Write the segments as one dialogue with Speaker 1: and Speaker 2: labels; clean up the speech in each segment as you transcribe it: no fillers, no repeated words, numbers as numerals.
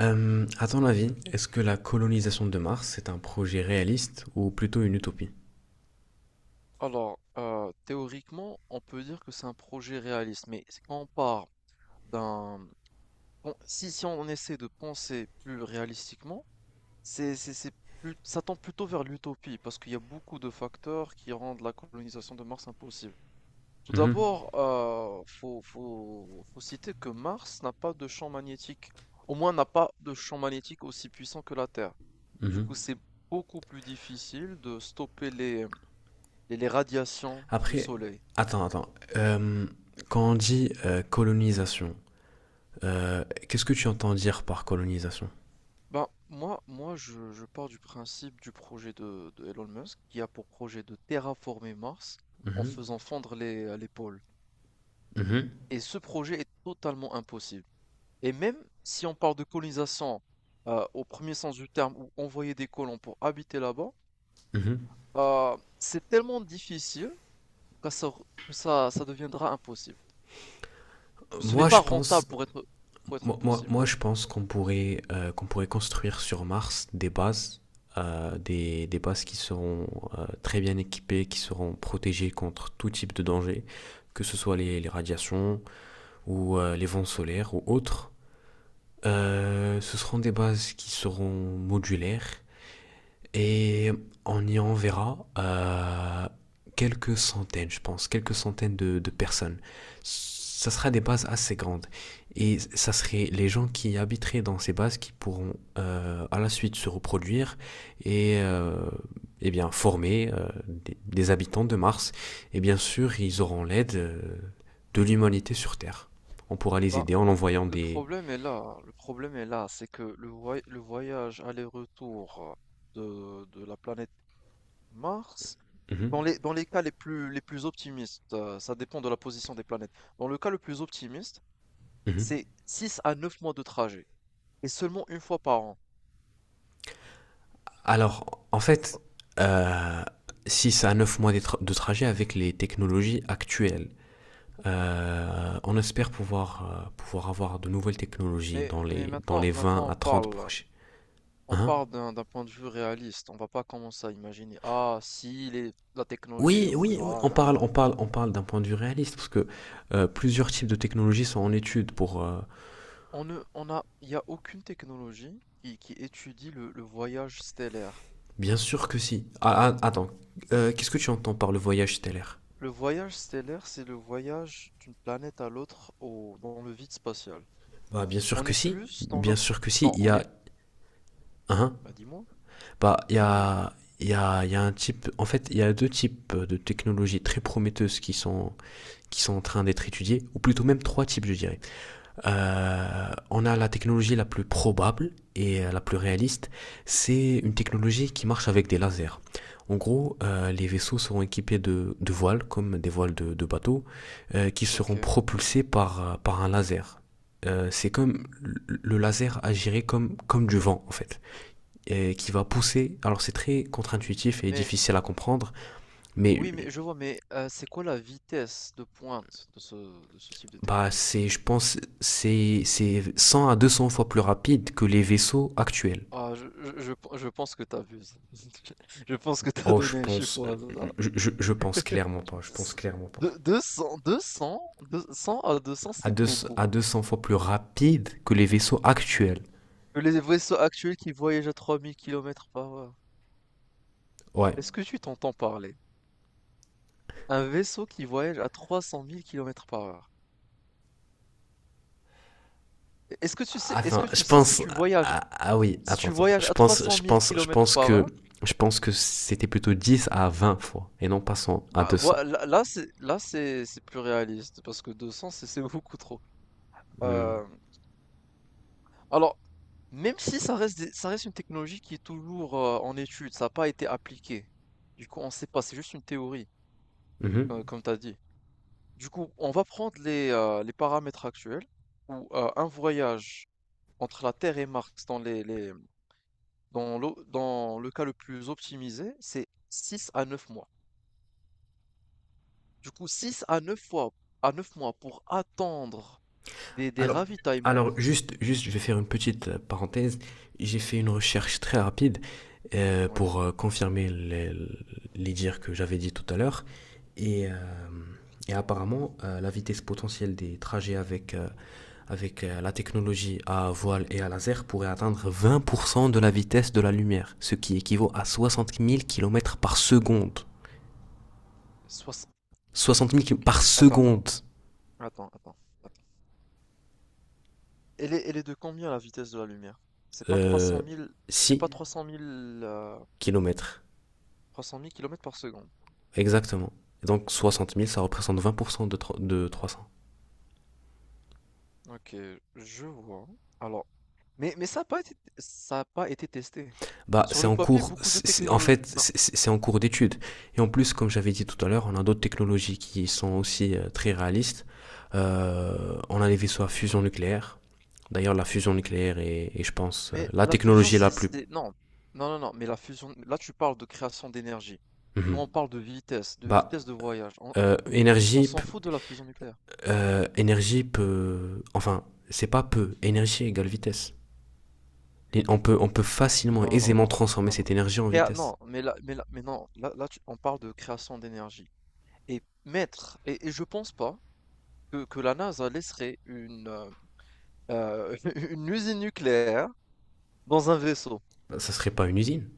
Speaker 1: À ton avis, est-ce que la colonisation de Mars est un projet réaliste ou plutôt une utopie?
Speaker 2: Alors, théoriquement, on peut dire que c'est un projet réaliste, mais c'est quand on part d'un... bon, si on essaie de penser plus réalistiquement, c'est plus, ça tend plutôt vers l'utopie, parce qu'il y a beaucoup de facteurs qui rendent la colonisation de Mars impossible. Tout
Speaker 1: Mhm,
Speaker 2: d'abord, faut citer que Mars n'a pas de champ magnétique, au moins n'a pas de champ magnétique aussi puissant que la Terre. Du
Speaker 1: mhm.
Speaker 2: coup, c'est beaucoup plus difficile de stopper les radiations du
Speaker 1: Après,
Speaker 2: Soleil.
Speaker 1: attends, attends. Quand on dit colonisation, qu'est-ce que tu entends dire par colonisation?
Speaker 2: Ben, moi, je pars du principe du projet de Elon Musk qui a pour projet de terraformer Mars en
Speaker 1: Mhm,
Speaker 2: faisant fondre les pôles.
Speaker 1: mhm,
Speaker 2: Et ce projet est totalement impossible. Et même si on parle de colonisation au premier sens du terme ou envoyer des colons pour habiter là-bas,
Speaker 1: mhm.
Speaker 2: c'est tellement difficile que ça, ça deviendra impossible. Ce n'est
Speaker 1: Moi, je
Speaker 2: pas rentable
Speaker 1: pense,
Speaker 2: pour être
Speaker 1: moi, moi,
Speaker 2: possible.
Speaker 1: moi, je pense qu'on pourrait construire sur Mars des bases qui seront très bien équipées, qui seront protégées contre tout type de danger, que ce soit les radiations, ou les vents solaires ou autres. Ce seront des bases qui seront modulaires et on y enverra quelques centaines, je pense, quelques centaines de personnes. Ça sera des bases assez grandes. Et ça serait les gens qui habiteraient dans ces bases qui pourront à la suite se reproduire et eh bien, former des habitants de Mars. Et bien sûr, ils auront l'aide de l'humanité sur Terre. On pourra les
Speaker 2: Ben,
Speaker 1: aider en envoyant
Speaker 2: le
Speaker 1: des.
Speaker 2: problème est là, le problème est là, c'est que le voyage aller-retour de la planète Mars, dans
Speaker 1: Mhm,
Speaker 2: les, dans les cas les plus optimistes, ça dépend de la position des planètes. Dans le cas le plus optimiste,
Speaker 1: mhm.
Speaker 2: c'est 6 à 9 mois de trajet, et seulement une fois par an.
Speaker 1: Alors, en fait, euh, 6 à 9 mois de trajet avec les technologies actuelles. On espère pouvoir avoir de nouvelles technologies
Speaker 2: Mais,
Speaker 1: dans
Speaker 2: mais
Speaker 1: les, dans
Speaker 2: maintenant,
Speaker 1: les 20
Speaker 2: maintenant on
Speaker 1: à 30
Speaker 2: parle,
Speaker 1: prochains.
Speaker 2: on
Speaker 1: Hein,
Speaker 2: parle d'un point de vue réaliste, on va pas commencer à imaginer, ah, si la technologie
Speaker 1: oui, oui, oui,
Speaker 2: évoluera,
Speaker 1: on parle,
Speaker 2: nanana.
Speaker 1: on parle, on parle d'un point de vue réaliste parce que plusieurs types de technologies sont en étude pour.
Speaker 2: On ne, on a, il n'y a aucune technologie qui étudie le voyage stellaire.
Speaker 1: Bien sûr que si. Ah, attends, qu'est-ce que tu entends par le voyage stellaire?
Speaker 2: Le voyage stellaire, c'est le voyage d'une planète à l'autre dans le vide spatial.
Speaker 1: Bah, bien sûr
Speaker 2: On
Speaker 1: que
Speaker 2: est
Speaker 1: si.
Speaker 2: plus dans
Speaker 1: Bien
Speaker 2: l'op...
Speaker 1: sûr que si.
Speaker 2: Non,
Speaker 1: Il y
Speaker 2: on
Speaker 1: a.
Speaker 2: est...
Speaker 1: Hein.
Speaker 2: Bah dis-moi,
Speaker 1: Bah, il y
Speaker 2: dis-moi, dis-moi.
Speaker 1: a, il y a, il y a un type. En fait, il y a deux types de technologies très prometteuses qui sont en train d'être étudiées, ou plutôt même trois types, je dirais. On a la technologie la plus probable et la plus réaliste. C'est une technologie qui marche avec des lasers. En gros, les vaisseaux seront équipés de voiles, comme des voiles de bateaux, qui seront
Speaker 2: Ok,
Speaker 1: propulsés
Speaker 2: oui,
Speaker 1: par un laser. C'est comme le laser agirait comme du vent, en fait, et qui va pousser. Alors c'est très
Speaker 2: oui.
Speaker 1: contre-intuitif et
Speaker 2: Mais,
Speaker 1: difficile à comprendre, mais
Speaker 2: oui, mais je vois, mais c'est quoi la vitesse de pointe de ce type de
Speaker 1: bah,
Speaker 2: technologie?
Speaker 1: je pense, c'est 100 à 200 fois plus rapide que les vaisseaux actuels.
Speaker 2: Ah, je pense que t'abuses. Je pense que t'as
Speaker 1: Oh, je
Speaker 2: donné un chiffre
Speaker 1: pense,
Speaker 2: au hasard.
Speaker 1: je pense clairement pas, je pense clairement pas.
Speaker 2: De deux cents à deux cents,
Speaker 1: À,
Speaker 2: c'est
Speaker 1: deux,
Speaker 2: beaucoup.
Speaker 1: à 200 fois plus rapide que les vaisseaux actuels.
Speaker 2: Les vaisseaux actuels qui voyagent à 3 000 km/h.
Speaker 1: Ouais.
Speaker 2: Est-ce que tu t'entends parler? Un vaisseau qui voyage à 300 000 km/h. Est-ce que tu sais, est-ce
Speaker 1: Attends,
Speaker 2: que tu sais si tu voyages,
Speaker 1: ah, oui,
Speaker 2: si
Speaker 1: attends,
Speaker 2: tu
Speaker 1: attends, attends.
Speaker 2: voyages
Speaker 1: Je
Speaker 2: à trois
Speaker 1: pense,
Speaker 2: cent
Speaker 1: je
Speaker 2: mille
Speaker 1: pense,
Speaker 2: kilomètres par heure?
Speaker 1: je pense que c'était plutôt 10 à 20 fois et non pas 100 à
Speaker 2: Bah,
Speaker 1: 200.
Speaker 2: là, c'est plus réaliste parce que 200 c'est beaucoup trop.
Speaker 1: Hmm.
Speaker 2: Euh, Alors, même si ça reste ça reste une technologie qui est toujours en étude, ça n'a pas été appliqué. Du coup, on ne sait pas, c'est juste une théorie,
Speaker 1: Mhm.
Speaker 2: comme tu as dit. Du coup, on va prendre les paramètres actuels où un voyage entre la Terre et Mars dans les- dans l'o- dans le cas le plus optimisé, c'est 6 à 9 mois. Du coup, 6 à 9 fois à 9 mois pour attendre des
Speaker 1: Alors,
Speaker 2: ravitaillements.
Speaker 1: alors, juste, je vais faire une petite parenthèse. J'ai fait une recherche très rapide
Speaker 2: Oui.
Speaker 1: pour confirmer les dires que j'avais dit tout à l'heure. Et, euh, et, apparemment, la vitesse potentielle des trajets avec la technologie à voile et à laser pourrait atteindre 20% de la vitesse de la lumière, ce qui équivaut à 60 000 kilomètres par seconde.
Speaker 2: Soix-
Speaker 1: 60 000 km
Speaker 2: Ok.
Speaker 1: par
Speaker 2: Attends, attends,
Speaker 1: seconde.
Speaker 2: attends, attends, attends. Elle est de combien, la vitesse de la lumière? C'est pas trois
Speaker 1: Euh,
Speaker 2: cent mille, c'est
Speaker 1: 6
Speaker 2: pas trois cent mille, euh,
Speaker 1: km
Speaker 2: 300 000 km/s.
Speaker 1: Exactement. Donc 60 000, ça représente 20% de 300.
Speaker 2: Ok, je vois. Alors, mais ça a pas été testé.
Speaker 1: Bah,
Speaker 2: Sur
Speaker 1: c'est
Speaker 2: le
Speaker 1: en
Speaker 2: papier,
Speaker 1: cours,
Speaker 2: beaucoup de
Speaker 1: c'est- en
Speaker 2: technologies.
Speaker 1: fait,
Speaker 2: Bah,
Speaker 1: c'est- c'est en cours d'étude. Et en plus, comme j'avais dit tout à l'heure, on a d'autres technologies qui sont aussi très réalistes. On a les vaisseaux à fusion nucléaire. D'ailleurs, la fusion nucléaire est, je pense,
Speaker 2: mais
Speaker 1: la
Speaker 2: la fusion,
Speaker 1: technologie la plus.
Speaker 2: non, non, non, non. Mais la fusion, là, tu parles de création d'énergie. Nous, on
Speaker 1: Mhm.
Speaker 2: parle de vitesse,
Speaker 1: Bah,
Speaker 2: de voyage. On,
Speaker 1: euh,
Speaker 2: on
Speaker 1: énergie,
Speaker 2: s'en fout de la fusion nucléaire.
Speaker 1: énergie peut, enfin, c'est pas peu. Énergie égale vitesse. On peut
Speaker 2: Non,
Speaker 1: facilement,
Speaker 2: non, non, non,
Speaker 1: aisément
Speaker 2: non,
Speaker 1: transformer
Speaker 2: non, non.
Speaker 1: cette énergie en vitesse.
Speaker 2: Non, mais là, mais non. Là, là, on parle de création d'énergie. Et mettre et je pense pas que la NASA laisserait heu, une usine nucléaire dans un vaisseau.
Speaker 1: Bah, ça serait pas une usine.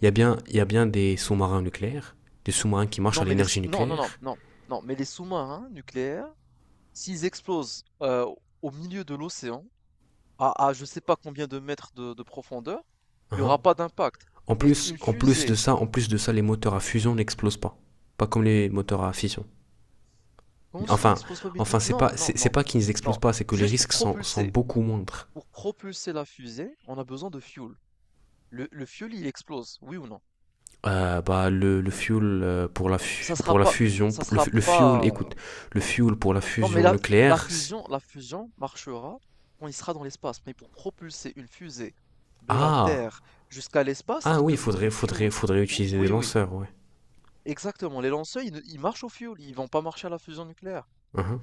Speaker 1: Il y a bien des sous-marins nucléaires, des sous-marins qui marchent à
Speaker 2: Non, mais les
Speaker 1: l'énergie
Speaker 2: sous non, non, non,
Speaker 1: nucléaire.
Speaker 2: non, non, mais les sous-marins nucléaires, s'ils explosent, au milieu de l'océan, à je sais pas combien de mètres de profondeur, il y
Speaker 1: Hein.
Speaker 2: aura pas d'impact. Mais une
Speaker 1: En plus de
Speaker 2: fusée,
Speaker 1: ça, en plus de ça, les moteurs à fusion n'explosent pas, pas comme les moteurs à fission.
Speaker 2: comment ça
Speaker 1: Enfin,
Speaker 2: n'explose pas? Mais
Speaker 1: enfin,
Speaker 2: toute
Speaker 1: c'est
Speaker 2: non,
Speaker 1: pas,
Speaker 2: non,
Speaker 1: c'est c'est
Speaker 2: non,
Speaker 1: pas qu'ils n'explosent
Speaker 2: non.
Speaker 1: pas, c'est que les
Speaker 2: Juste pour
Speaker 1: risques sont
Speaker 2: propulser
Speaker 1: beaucoup moindres.
Speaker 2: la fusée, on a besoin de fuel. Le fuel, il explose, oui ou non?
Speaker 1: Bah, le fuel pour la,
Speaker 2: Ça
Speaker 1: fu-
Speaker 2: sera
Speaker 1: pour la
Speaker 2: pas
Speaker 1: fusion,
Speaker 2: ça
Speaker 1: le,
Speaker 2: sera
Speaker 1: le fuel,
Speaker 2: pas,
Speaker 1: écoute, le fuel pour la
Speaker 2: Non mais
Speaker 1: fusion
Speaker 2: la la
Speaker 1: nucléaire.
Speaker 2: fusion la fusion marchera quand il sera dans l'espace, mais pour propulser une fusée de la
Speaker 1: Ah,
Speaker 2: Terre jusqu'à l'espace, il
Speaker 1: oui,
Speaker 2: te faut
Speaker 1: faudrait,
Speaker 2: du
Speaker 1: faudrait,
Speaker 2: fuel.
Speaker 1: faudrait
Speaker 2: Ou
Speaker 1: utiliser des
Speaker 2: Oui, oui,
Speaker 1: lanceurs, ouais.
Speaker 2: exactement, les lanceurs, ils ne ils marchent au fuel, ils vont pas marcher à la fusion nucléaire.
Speaker 1: Mhm,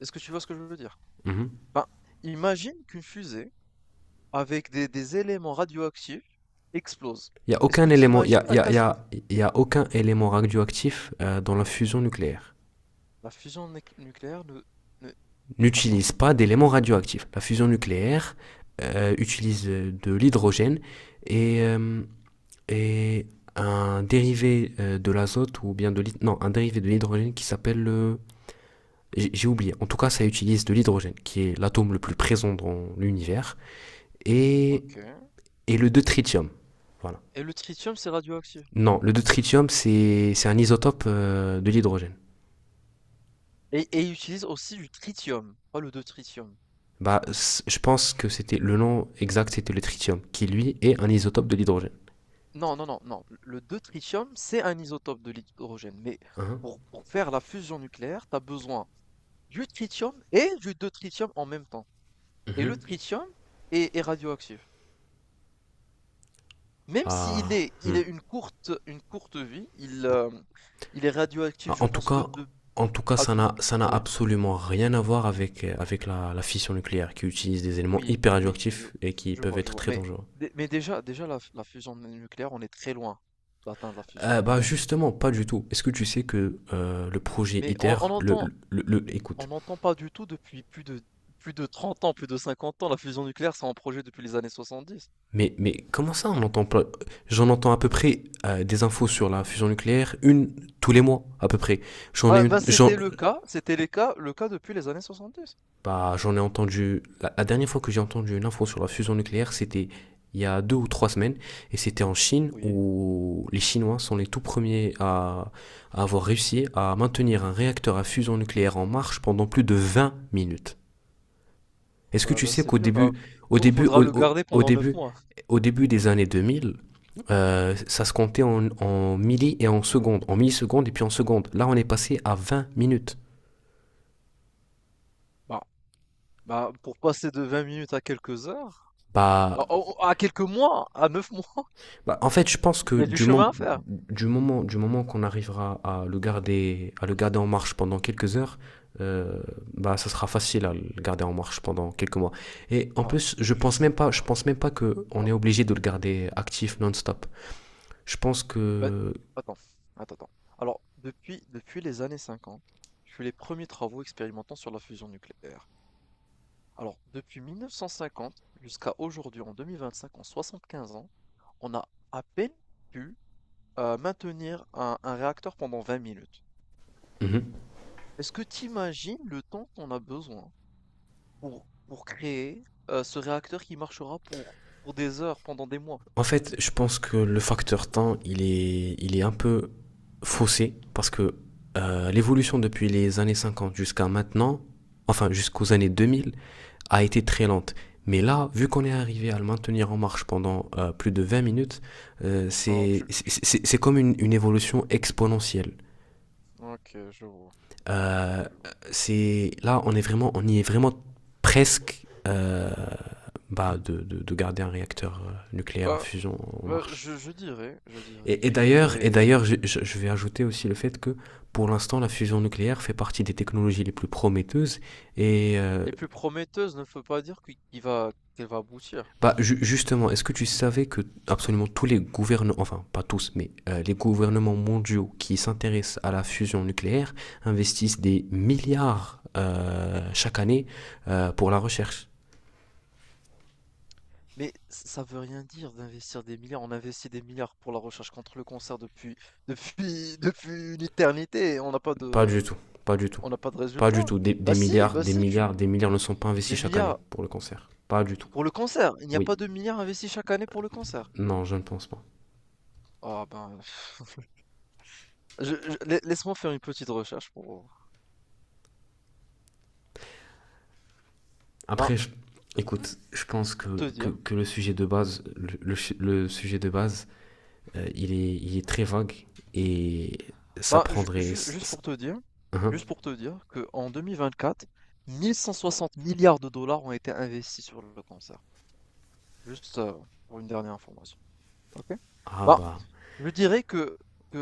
Speaker 2: Est-ce que tu vois ce que je veux dire?
Speaker 1: mhm.
Speaker 2: Ben, imagine qu'une fusée avec des éléments radioactifs explose.
Speaker 1: Il n'y a
Speaker 2: Est-ce que
Speaker 1: aucun
Speaker 2: tu
Speaker 1: élément, il y
Speaker 2: imagines
Speaker 1: a, il
Speaker 2: la
Speaker 1: y a- il y
Speaker 2: catastrophe?
Speaker 1: a- y a aucun élément radioactif dans la fusion nucléaire.
Speaker 2: La fusion néc nucléaire ne attends,
Speaker 1: N'utilise
Speaker 2: attends,
Speaker 1: pas
Speaker 2: attends.
Speaker 1: d'éléments radioactifs. La fusion nucléaire utilise de l'hydrogène et, euh, et, un dérivé de l'azote ou bien non, un dérivé de l'hydrogène qui s'appelle le. J'ai oublié. En tout cas, ça utilise de l'hydrogène qui est l'atome le plus présent dans l'univers et
Speaker 2: OK.
Speaker 1: le deutérium. Voilà.
Speaker 2: Et le tritium, c'est radioactif.
Speaker 1: Non, le deutérium c'est un isotope de l'hydrogène.
Speaker 2: Et il utilise aussi du tritium, pas le deutérium.
Speaker 1: Bah, je pense que c'était le nom exact, c'était le tritium, qui lui est un isotope de l'hydrogène.
Speaker 2: Non, non, non, non. Le deutérium, c'est un isotope de l'hydrogène, mais
Speaker 1: Hein.
Speaker 2: pour faire la fusion nucléaire, tu as besoin du tritium et du deutérium en même temps. Et le
Speaker 1: Mhm.
Speaker 2: tritium est radioactif. Même s'il
Speaker 1: Ah,
Speaker 2: est, il
Speaker 1: hmm.
Speaker 2: est une courte, vie, il est radioactif,
Speaker 1: Ah,
Speaker 2: je
Speaker 1: en tout
Speaker 2: pense que
Speaker 1: cas,
Speaker 2: de
Speaker 1: en tout cas,
Speaker 2: à
Speaker 1: ça
Speaker 2: dou-
Speaker 1: n'a, ça n'a
Speaker 2: Oui,
Speaker 1: absolument rien à voir avec, avec la fission nucléaire, qui utilise des éléments
Speaker 2: oui,
Speaker 1: hyper
Speaker 2: oui, je,
Speaker 1: radioactifs et qui
Speaker 2: je
Speaker 1: peuvent
Speaker 2: vois, je
Speaker 1: être
Speaker 2: vois.
Speaker 1: très
Speaker 2: Mais,
Speaker 1: dangereux.
Speaker 2: déjà la fusion nucléaire, on est très loin d'atteindre la fusion
Speaker 1: Bah
Speaker 2: nucléaire.
Speaker 1: justement, pas du tout. Est-ce que tu sais que le projet
Speaker 2: Mais
Speaker 1: ITER,
Speaker 2: on, on entend, On
Speaker 1: écoute,
Speaker 2: n'entend pas du tout depuis plus de 30 ans, plus de 50 ans. La fusion nucléaire, c'est en projet depuis les années 70.
Speaker 1: mais comment ça on entend pas? J'en entends à peu près des infos sur la fusion nucléaire, une tous les mois à peu près. J'en ai
Speaker 2: Bah,
Speaker 1: une,
Speaker 2: bah,
Speaker 1: j'en,
Speaker 2: c'était le cas depuis les années 70.
Speaker 1: Bah, j'en ai entendu. La dernière fois que j'ai entendu une info sur la fusion nucléaire, c'était il y a 2 ou 3 semaines, et c'était en Chine
Speaker 2: Oui,
Speaker 1: où les Chinois sont les tout premiers à, avoir réussi à maintenir un réacteur à fusion nucléaire en marche pendant plus de 20 minutes. Est-ce que
Speaker 2: bah,
Speaker 1: tu
Speaker 2: bah,
Speaker 1: sais
Speaker 2: c'est
Speaker 1: qu'au
Speaker 2: bien, bah,
Speaker 1: début,
Speaker 2: faudra
Speaker 1: au,
Speaker 2: le
Speaker 1: au-
Speaker 2: garder pendant neuf mois.
Speaker 1: au début des années 2000, ça se comptait en milli et en secondes, en millisecondes et puis en secondes. Là, on est passé à 20 minutes.
Speaker 2: Bah, bah, pour passer de 20 minutes à quelques heures,
Speaker 1: Bah,
Speaker 2: à quelques mois, à 9 mois,
Speaker 1: Bah, en fait, je pense
Speaker 2: il
Speaker 1: que
Speaker 2: y a du
Speaker 1: du,
Speaker 2: chemin
Speaker 1: mom-
Speaker 2: à faire.
Speaker 1: du moment, du moment qu'on arrivera à le garder en marche pendant quelques heures, euh, bah, ça sera facile à le garder en marche pendant quelques mois. Et en
Speaker 2: Bah,
Speaker 1: plus, je
Speaker 2: je
Speaker 1: pense
Speaker 2: sais
Speaker 1: même pas, je
Speaker 2: pas.
Speaker 1: pense même pas que on
Speaker 2: Bah,
Speaker 1: est obligé de le garder actif non-stop. Je pense
Speaker 2: bah,
Speaker 1: que.
Speaker 2: attends, attends, attends. Alors, depuis les années 50, je fais les premiers travaux expérimentants sur la fusion nucléaire. Alors, depuis 1950 jusqu'à aujourd'hui, en 2025, en 75 ans, on a à peine pu maintenir un réacteur pendant 20 minutes.
Speaker 1: Mhm.
Speaker 2: Est-ce que tu imagines le temps qu'on a besoin pour créer ce réacteur qui marchera pour, des heures, pendant des mois?
Speaker 1: En fait, je pense que le facteur temps, il est un peu faussé parce que l'évolution depuis les années 50 jusqu'à maintenant, enfin jusqu'aux années 2000, a été très lente. Mais là, vu qu'on est arrivé à le maintenir en marche pendant plus de 20 minutes,
Speaker 2: Ah,
Speaker 1: c'est
Speaker 2: tu, tu-
Speaker 1: c'est- c'est comme une évolution exponentielle.
Speaker 2: Ok, je vois. Je vois, je
Speaker 1: Euh,
Speaker 2: vois, je vois.
Speaker 1: c'est là, on y est vraiment presque bah, de garder un réacteur nucléaire à
Speaker 2: Bah,
Speaker 1: fusion en
Speaker 2: bah,
Speaker 1: marche.
Speaker 2: je dirais
Speaker 1: Et, et
Speaker 2: qu'il
Speaker 1: d'ailleurs, et
Speaker 2: faudrait.
Speaker 1: d'ailleurs, je vais ajouter aussi le fait que pour l'instant, la fusion nucléaire fait partie des technologies les plus prometteuses et euh,
Speaker 2: Les plus prometteuses ne veut pas dire qu'elle va aboutir.
Speaker 1: Bah, justement, est-ce que tu savais que absolument tous les gouvernements, enfin pas tous, mais les gouvernements mondiaux qui s'intéressent à la fusion nucléaire investissent des milliards chaque année pour la recherche?
Speaker 2: Mais ç ça veut rien dire d'investir des milliards. On investit des milliards pour la recherche contre le cancer depuis depuis une éternité et on n'a pas
Speaker 1: Pas du
Speaker 2: de
Speaker 1: tout, pas du tout,
Speaker 2: on n'a pas de
Speaker 1: pas du
Speaker 2: résultat.
Speaker 1: tout. Des,
Speaker 2: Bah
Speaker 1: des
Speaker 2: si,
Speaker 1: milliards, des milliards,
Speaker 2: tu
Speaker 1: des milliards ne sont pas
Speaker 2: des
Speaker 1: investis chaque année
Speaker 2: milliards
Speaker 1: pour le cancer. Pas du tout.
Speaker 2: pour le cancer. Il n'y a
Speaker 1: Oui,
Speaker 2: pas de milliards investis chaque année pour le cancer.
Speaker 1: non, je ne pense pas.
Speaker 2: Ah ben, je lai laisse-moi faire une petite recherche ben,
Speaker 1: Après, écoute, je pense
Speaker 2: pour te
Speaker 1: que, que,
Speaker 2: dire.
Speaker 1: que le sujet de base, le sujet de base, il est très vague et ça
Speaker 2: Ben, ju
Speaker 1: prendrait.
Speaker 2: ju juste pour te dire
Speaker 1: Hein.
Speaker 2: que qu'en 2024, 1 160 milliards de dollars ont été investis sur le cancer. Juste, pour une dernière information. OK.
Speaker 1: Ah
Speaker 2: Ben,
Speaker 1: bah,
Speaker 2: je dirais que,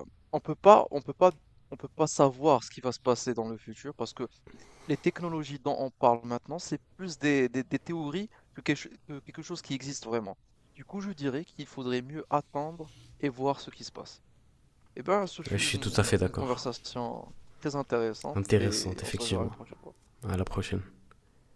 Speaker 2: heu, on peut pas on peut pas on peut pas savoir ce qui va se passer dans le futur parce que les technologies dont on parle maintenant, c'est plus des théories que quelque ch que quelque chose qui existe vraiment. Du coup, je dirais qu'il faudrait mieux attendre et voir ce qui se passe. Eh ben, ce
Speaker 1: je
Speaker 2: fut
Speaker 1: suis tout à
Speaker 2: une
Speaker 1: fait
Speaker 2: une
Speaker 1: d'accord.
Speaker 2: conversation très intéressante et
Speaker 1: Intéressante,
Speaker 2: on se reverra une
Speaker 1: effectivement.
Speaker 2: prochaine fois.
Speaker 1: À la prochaine.